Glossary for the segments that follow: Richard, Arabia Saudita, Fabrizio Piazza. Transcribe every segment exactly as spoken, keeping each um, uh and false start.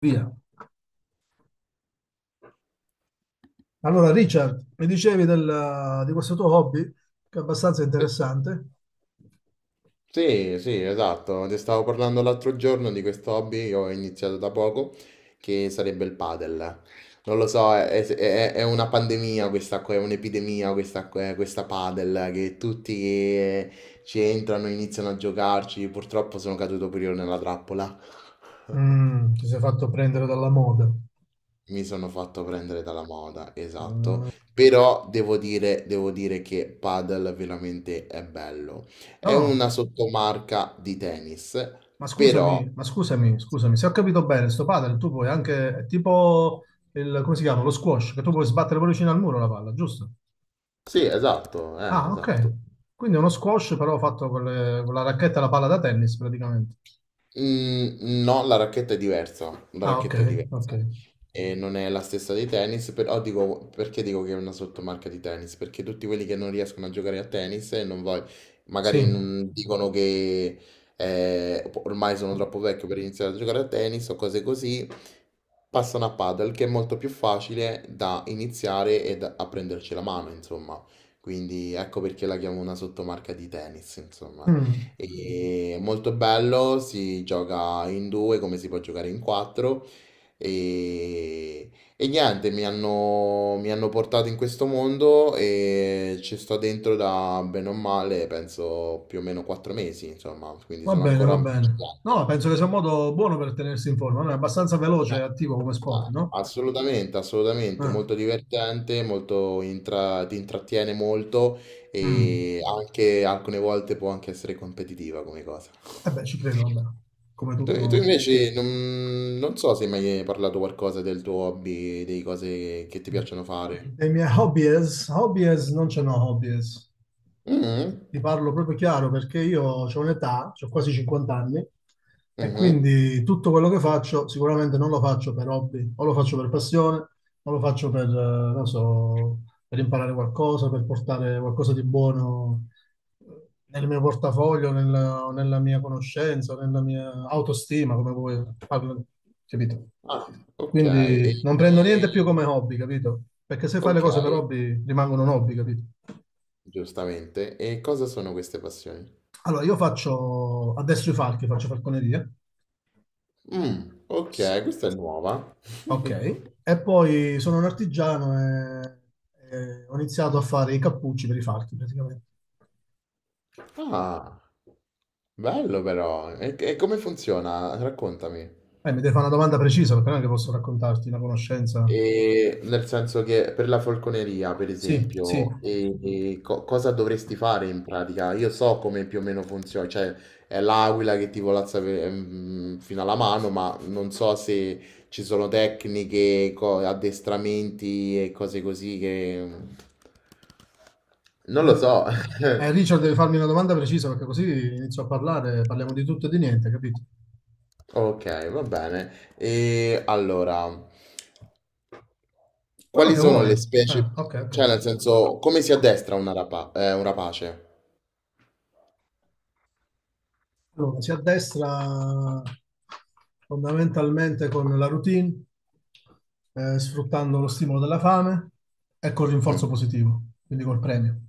Via. Allora, Richard, mi dicevi del- di questo tuo hobby, che è abbastanza Sì, interessante. sì, sì, esatto. Ti stavo parlando l'altro giorno di questo hobby che ho iniziato da poco, che sarebbe il padel. Non lo so, è, è- è una pandemia questa qua, è un'epidemia questa, qua- questa padel, che tutti eh, ci entrano, iniziano a giocarci. Purtroppo sono caduto pure io nella trappola. Mm, ti sei fatto prendere dalla moda. No, Mi sono fatto prendere dalla moda, esatto, però devo dire, devo dire che padel veramente è bello. È no, una sottomarca di tennis, ma però. scusami, ma scusami, scusami, se ho capito bene, sto padel, tu puoi anche, è tipo il, come si chiama, lo squash, che tu puoi sbattere pure vicino al muro la palla, giusto? Sì, esatto, eh, Ah, ok. esatto. Quindi è uno squash però fatto con, le- con la racchetta e la palla da tennis praticamente. Mm, no, la racchetta è diversa, la Ah, ok, racchetta è ok. diversa e non è la stessa dei tennis, però dico, perché dico che è una sottomarca di tennis? Perché tutti quelli che non riescono a giocare a tennis e non voglio, magari Sì. non dicono che eh, ormai sono troppo vecchio per iniziare a giocare a tennis o cose così, passano a paddle che è molto più facile da iniziare e da, a prenderci la mano, insomma. Quindi ecco perché la chiamo una sottomarca di tennis, insomma. Mm. E è molto bello, si gioca in due come si può giocare in quattro. E, e niente, mi hanno, mi hanno portato in questo mondo e ci sto dentro da bene o male, penso più o meno quattro mesi, insomma, quindi Va sono bene, ancora va un bene. principiante. No, penso che sia un modo buono per tenersi in forma, no? È abbastanza No. veloce e attivo come sport, Ah, no? assolutamente, assolutamente, Eh, molto divertente, molto intra- ti intrattiene molto mm. e anche alcune volte può anche essere competitiva come cosa. Eh beh, ci credo, vabbè. Come Tu, tu tutto... invece non, non so se hai mai hai parlato qualcosa del tuo hobby, delle cose che ti piacciono fare. Dei miei hobbies, hobbies non ce n'ho hobbies. Mhm, Ti, ti parlo proprio chiaro perché io ho un'età, ho quasi cinquanta anni, e mhm. quindi tutto quello che faccio sicuramente non lo faccio per hobby, o lo faccio per passione, o lo faccio per, eh, non so, per imparare qualcosa, per portare qualcosa di buono nel mio portafoglio, nella, o nella mia conoscenza, o nella mia autostima, come vuoi, parlo- capito? Ah, ok. E, Quindi non prendo niente più e- come hobby, capito? Perché se fai le ok, cose per hobby rimangono un hobby, capito? giustamente. E cosa sono queste passioni? Allora, io faccio adesso i falchi, faccio falconeria. Mm, S- ok, questa è nuova. Ok. E poi sono un artigiano e, e ho iniziato a fare i cappucci per i falchi, praticamente. Ah, bello però. E, e come funziona? Raccontami. Eh, mi devi fare una domanda precisa, perché non è che posso raccontarti una conoscenza. E nel senso che per la falconeria, per Sì, sì. esempio, e- e co- cosa dovresti fare in pratica? Io so come più o meno funziona, cioè è l'aquila che ti volazza pe- mm, fino alla mano, ma non so se ci sono tecniche, co- addestramenti e cose così che. Non lo De- so. Eh, Richard, devi farmi una domanda precisa perché così inizio a parlare, parliamo di tutto e di niente, capito? Ok, va bene. E allora, Quello quali che sono le vuoi. specie? Ah, ok, ok, Cioè, ok. nel senso, come si addestra una rapa- eh, un rapace? Allora, si addestra fondamentalmente con la routine, eh, sfruttando lo stimolo della fame e col Mm. rinforzo positivo, quindi col premio.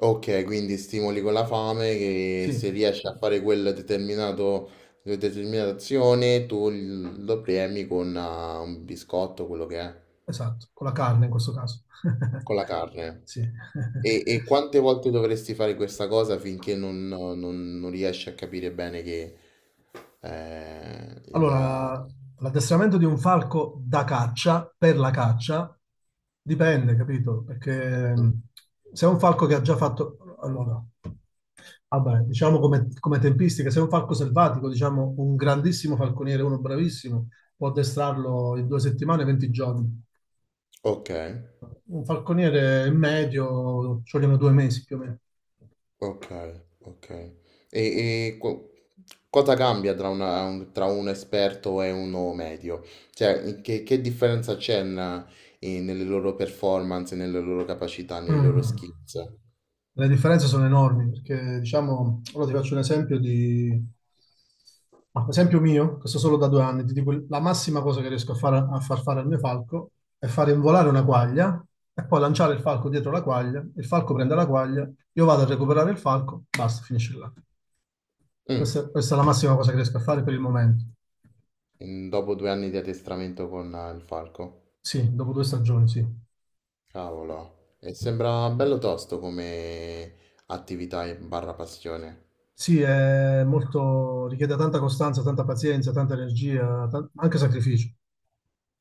Ok, quindi stimoli con la fame che se Sì, riesci a fare quel determinato, quella determinata azione, tu l- lo premi con ah, un biscotto, quello che è, esatto, con la carne in questo caso. con la carne. Sì. E, e quante volte dovresti fare questa cosa finché non, non- non riesci a capire bene che eh, il ah, Allora, l'addestramento di un falco da caccia, per la caccia, dipende, capito? Perché mh, se è un falco che ha già fatto... Allora, vabbè, diciamo come, come tempistica, se è un falco selvatico, diciamo un grandissimo falconiere, uno bravissimo, può addestrarlo in due settimane, venti giorni. Ok. Un falconiere medio ci vogliono due mesi più o meno. Ok, ok. E, e co- cosa cambia tra, una- un, tra un esperto e uno medio? Cioè, che, che differenza c'è na- eh, nelle loro performance, nelle loro capacità, nei loro Mm. skills? Le differenze sono enormi perché, diciamo, ora ti faccio un esempio di, ma, esempio mio, questo solo da due anni, ti dico la massima cosa che riesco a, fare, a far fare al mio falco è far involare una quaglia e poi lanciare il falco dietro la quaglia, il falco prende la quaglia, io vado a recuperare il falco, basta, finisce là. Mm, Questa, questa è la massima cosa che riesco a fare per il momento. in- dopo due anni di addestramento con eh, il falco? Sì, dopo due stagioni, sì. Cavolo, e sembra bello tosto come attività e barra passione. Sì, è molto, richiede tanta costanza, tanta pazienza, tanta energia, tan- anche sacrificio.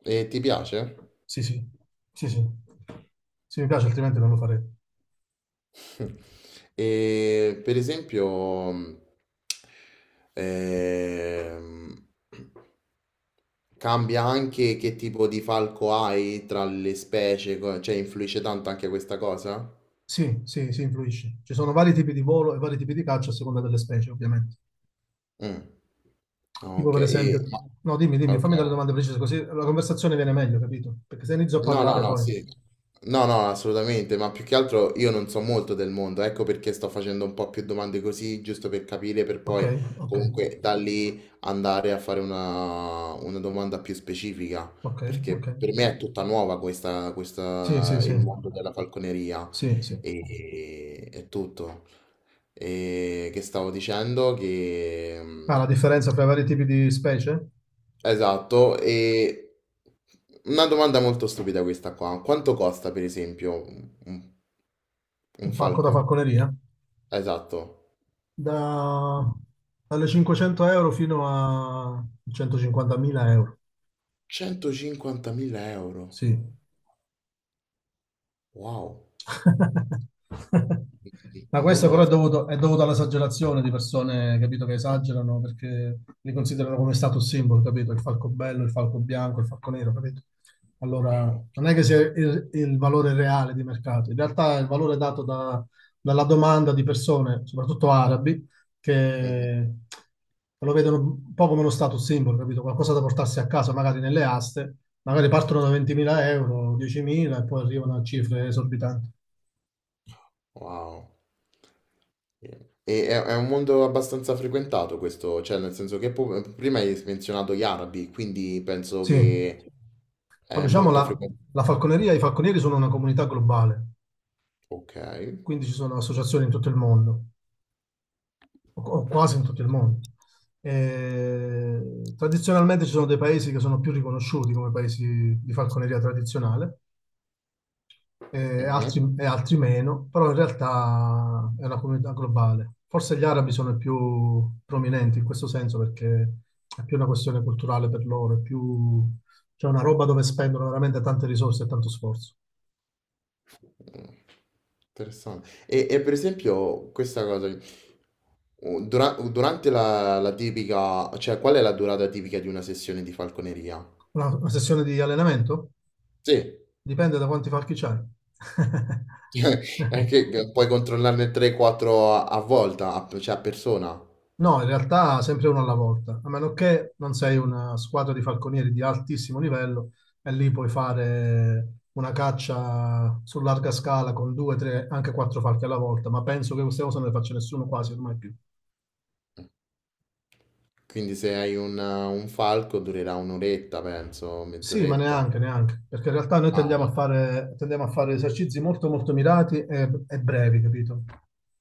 E ti piace? Sì, sì, sì, sì. Sì, mi piace, altrimenti non lo farei. E per esempio, mh, ehm, cambia anche che tipo di falco hai tra le specie, co- cioè influisce tanto anche questa cosa? Sì, sì, sì, influisce. Ci sono vari tipi di volo e vari tipi di caccia a seconda delle specie, ovviamente. Mm. Ah, Tipo, ok, per e- esempio, ma- no, dimmi, dimmi, ok. fammi delle domande precise, così la conversazione viene meglio, capito? Perché se inizio a No, no, parlare no, poi. sì. No, no, assolutamente, ma più che altro io non so molto del mondo, ecco perché sto facendo un po' più domande così, giusto per capire, per Ok, poi ok, comunque da lì andare a fare una, una domanda più specifica, ok, perché ok. per me è tutta nuova questa, Sì, sì, questa, sì, il mondo della falconeria sì, sì. e, e tutto. E che stavo dicendo Ah, che. la differenza tra i vari tipi di specie? Esatto, e una domanda molto stupida questa qua. Quanto costa per esempio un, un- un Un falco da falco? falconeria? Esatto, Da... Dalle cinquecento euro fino a centocinquantamila euro. centocinquantamila euro. Sì, Wow, Ma non questo me però è l'aspettavo. dovuto, è dovuto all'esagerazione di persone, capito, che esagerano perché li considerano come status symbol, capito? Il falco bello, il falco bianco, il falco nero, capito? Allora, non è che sia il, il valore reale di mercato, in realtà è il valore dato da- dalla domanda di persone, soprattutto arabi, Mhm. che lo vedono un po' come uno status symbol, capito? Qualcosa da portarsi a casa, magari nelle aste, magari partono da ventimila euro, diecimila e poi arrivano a cifre esorbitanti. Wow. E è, è, un mondo abbastanza frequentato questo, cioè nel senso che pu- prima hai menzionato gli arabi, quindi penso Sì, che ma è diciamo molto la, frequentato. la falconeria, i falconieri sono una comunità globale, Ok. quindi ci sono associazioni in tutto il mondo, o, o quasi in tutto il mondo. E tradizionalmente ci sono dei paesi che sono più riconosciuti come paesi di falconeria tradizionale e Mhm. altri, e altri meno, però in realtà è una comunità globale. Forse gli arabi sono i più prominenti in questo senso perché è più una questione culturale per loro, è più, c'è una roba dove spendono veramente tante risorse e tanto sforzo. Mm, Interessante. E, e per esempio questa cosa, u- dura- durante la, la tipica, cioè qual è la durata tipica di una sessione di falconeria? Una, una sessione di allenamento? Sì, Dipende da quanti falchi c'hai. è che puoi controllarne tre quattro a, a volta, a- cioè a persona. No, in realtà sempre uno alla volta, a meno che non sei una squadra di falconieri di altissimo livello e lì puoi fare una caccia su larga scala con due, tre, anche quattro falchi alla volta, ma penso che queste cose non le faccia nessuno quasi ormai più. Quindi se hai un, un falco durerà un'oretta, penso, Sì, ma mezz'oretta. neanche, neanche, perché in realtà noi Ah, tendiamo a fare, tendiamo a fare esercizi molto, molto mirati e, e brevi, capito?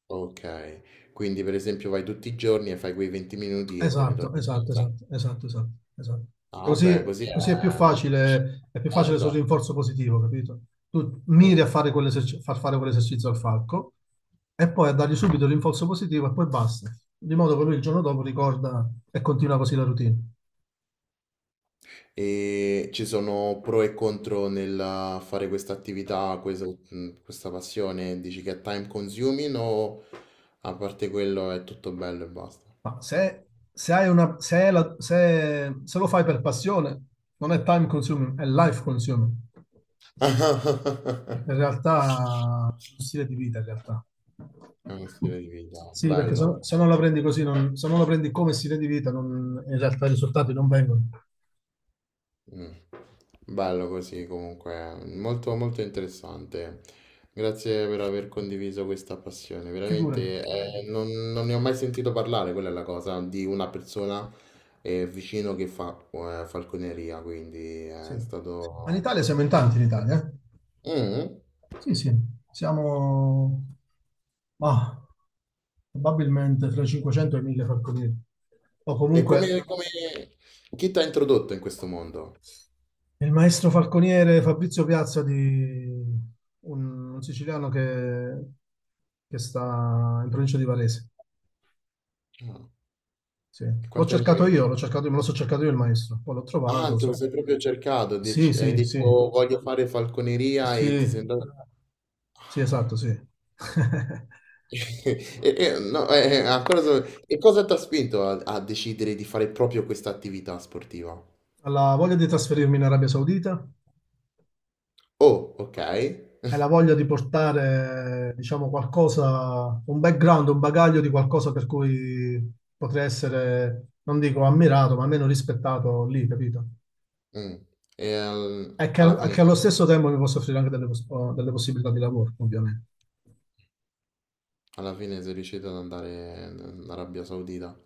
ok. Quindi per esempio vai tutti i giorni e fai quei venti minuti e te ne Esatto, torni a esatto, casa. esatto, esatto, esatto, esatto. E Ah, beh, così, così così è più è molto. facile, è più Eh, facile sul esatto. rinforzo positivo, capito? Tu miri Mm. a fare quell'eserci- far fare quell'esercizio al falco e poi a dargli subito l'inforzo positivo e poi basta. Di modo che lui il giorno dopo ricorda e continua così la routine. E ci sono pro e contro nel fare questa attività, questa, mm, questa passione? Dici che è time consuming o a parte quello è tutto bello e basta? Ma se, se hai una, se, è la- se- se lo fai per passione, non è time consuming, è life consuming. Perché in realtà è uno stile di vita, in realtà. È uno stile di vita, Sì, perché se, bello. no- se non la prendi così, non- se non la prendi come stile di vita, non- in realtà i risultati non vengono. Mm. Bello così comunque, molto molto interessante. Grazie per aver condiviso questa passione, Figurati. veramente eh, non, non ne ho mai sentito parlare, quella è la cosa, di una persona eh, vicino che fa eh, falconeria, quindi Sì. eh, è Ma in stato. Italia siamo in tanti, in Italia. Eh. Mm. Sì, sì, siamo ma, probabilmente fra i cinquecento e i mille falconieri. O E come, comunque. come- chi ti ha introdotto in questo mondo? Il maestro falconiere Fabrizio Piazza di un, un siciliano che, che sta in provincia di Varese. Ah, Sì. e L'ho quanti anni cercato avevi? io, l'ho cercato io, me lo so cercato io il maestro, poi l'ho Ah, trovato. te lo so- sei proprio cercato, Sì, dec- hai sì, sì, detto voglio fare falconeria e ti sì, sei andato. sì, esatto, Ah. sì. E e no, eh, eh, ancora so e cosa t'ha spinto a a decidere di fare proprio questa attività sportiva? Alla voglia di trasferirmi in Arabia Saudita Oh, okay. e la voglia di portare, diciamo, qualcosa, un background, un bagaglio di qualcosa per cui potrei essere, non dico ammirato, ma almeno rispettato lì, capito? Mh. E al È che, al- alla è fine che allo stesso tempo mi posso offrire anche delle, pos- oh, delle possibilità di lavoro, ovviamente. alla fine sei riuscito ad andare in in Arabia Saudita.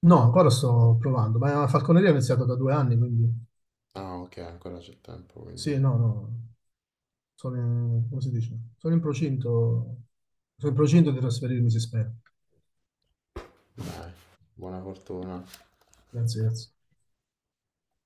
No, ancora sto provando, ma la falconeria ho iniziato da due anni, quindi Ah, okay, ancora c'è tempo, quindi sì, no, no, sono in, come si dice? Sono in procinto, sono in procinto di trasferirmi, si spera. dai, buona fortuna. Grazie, grazie.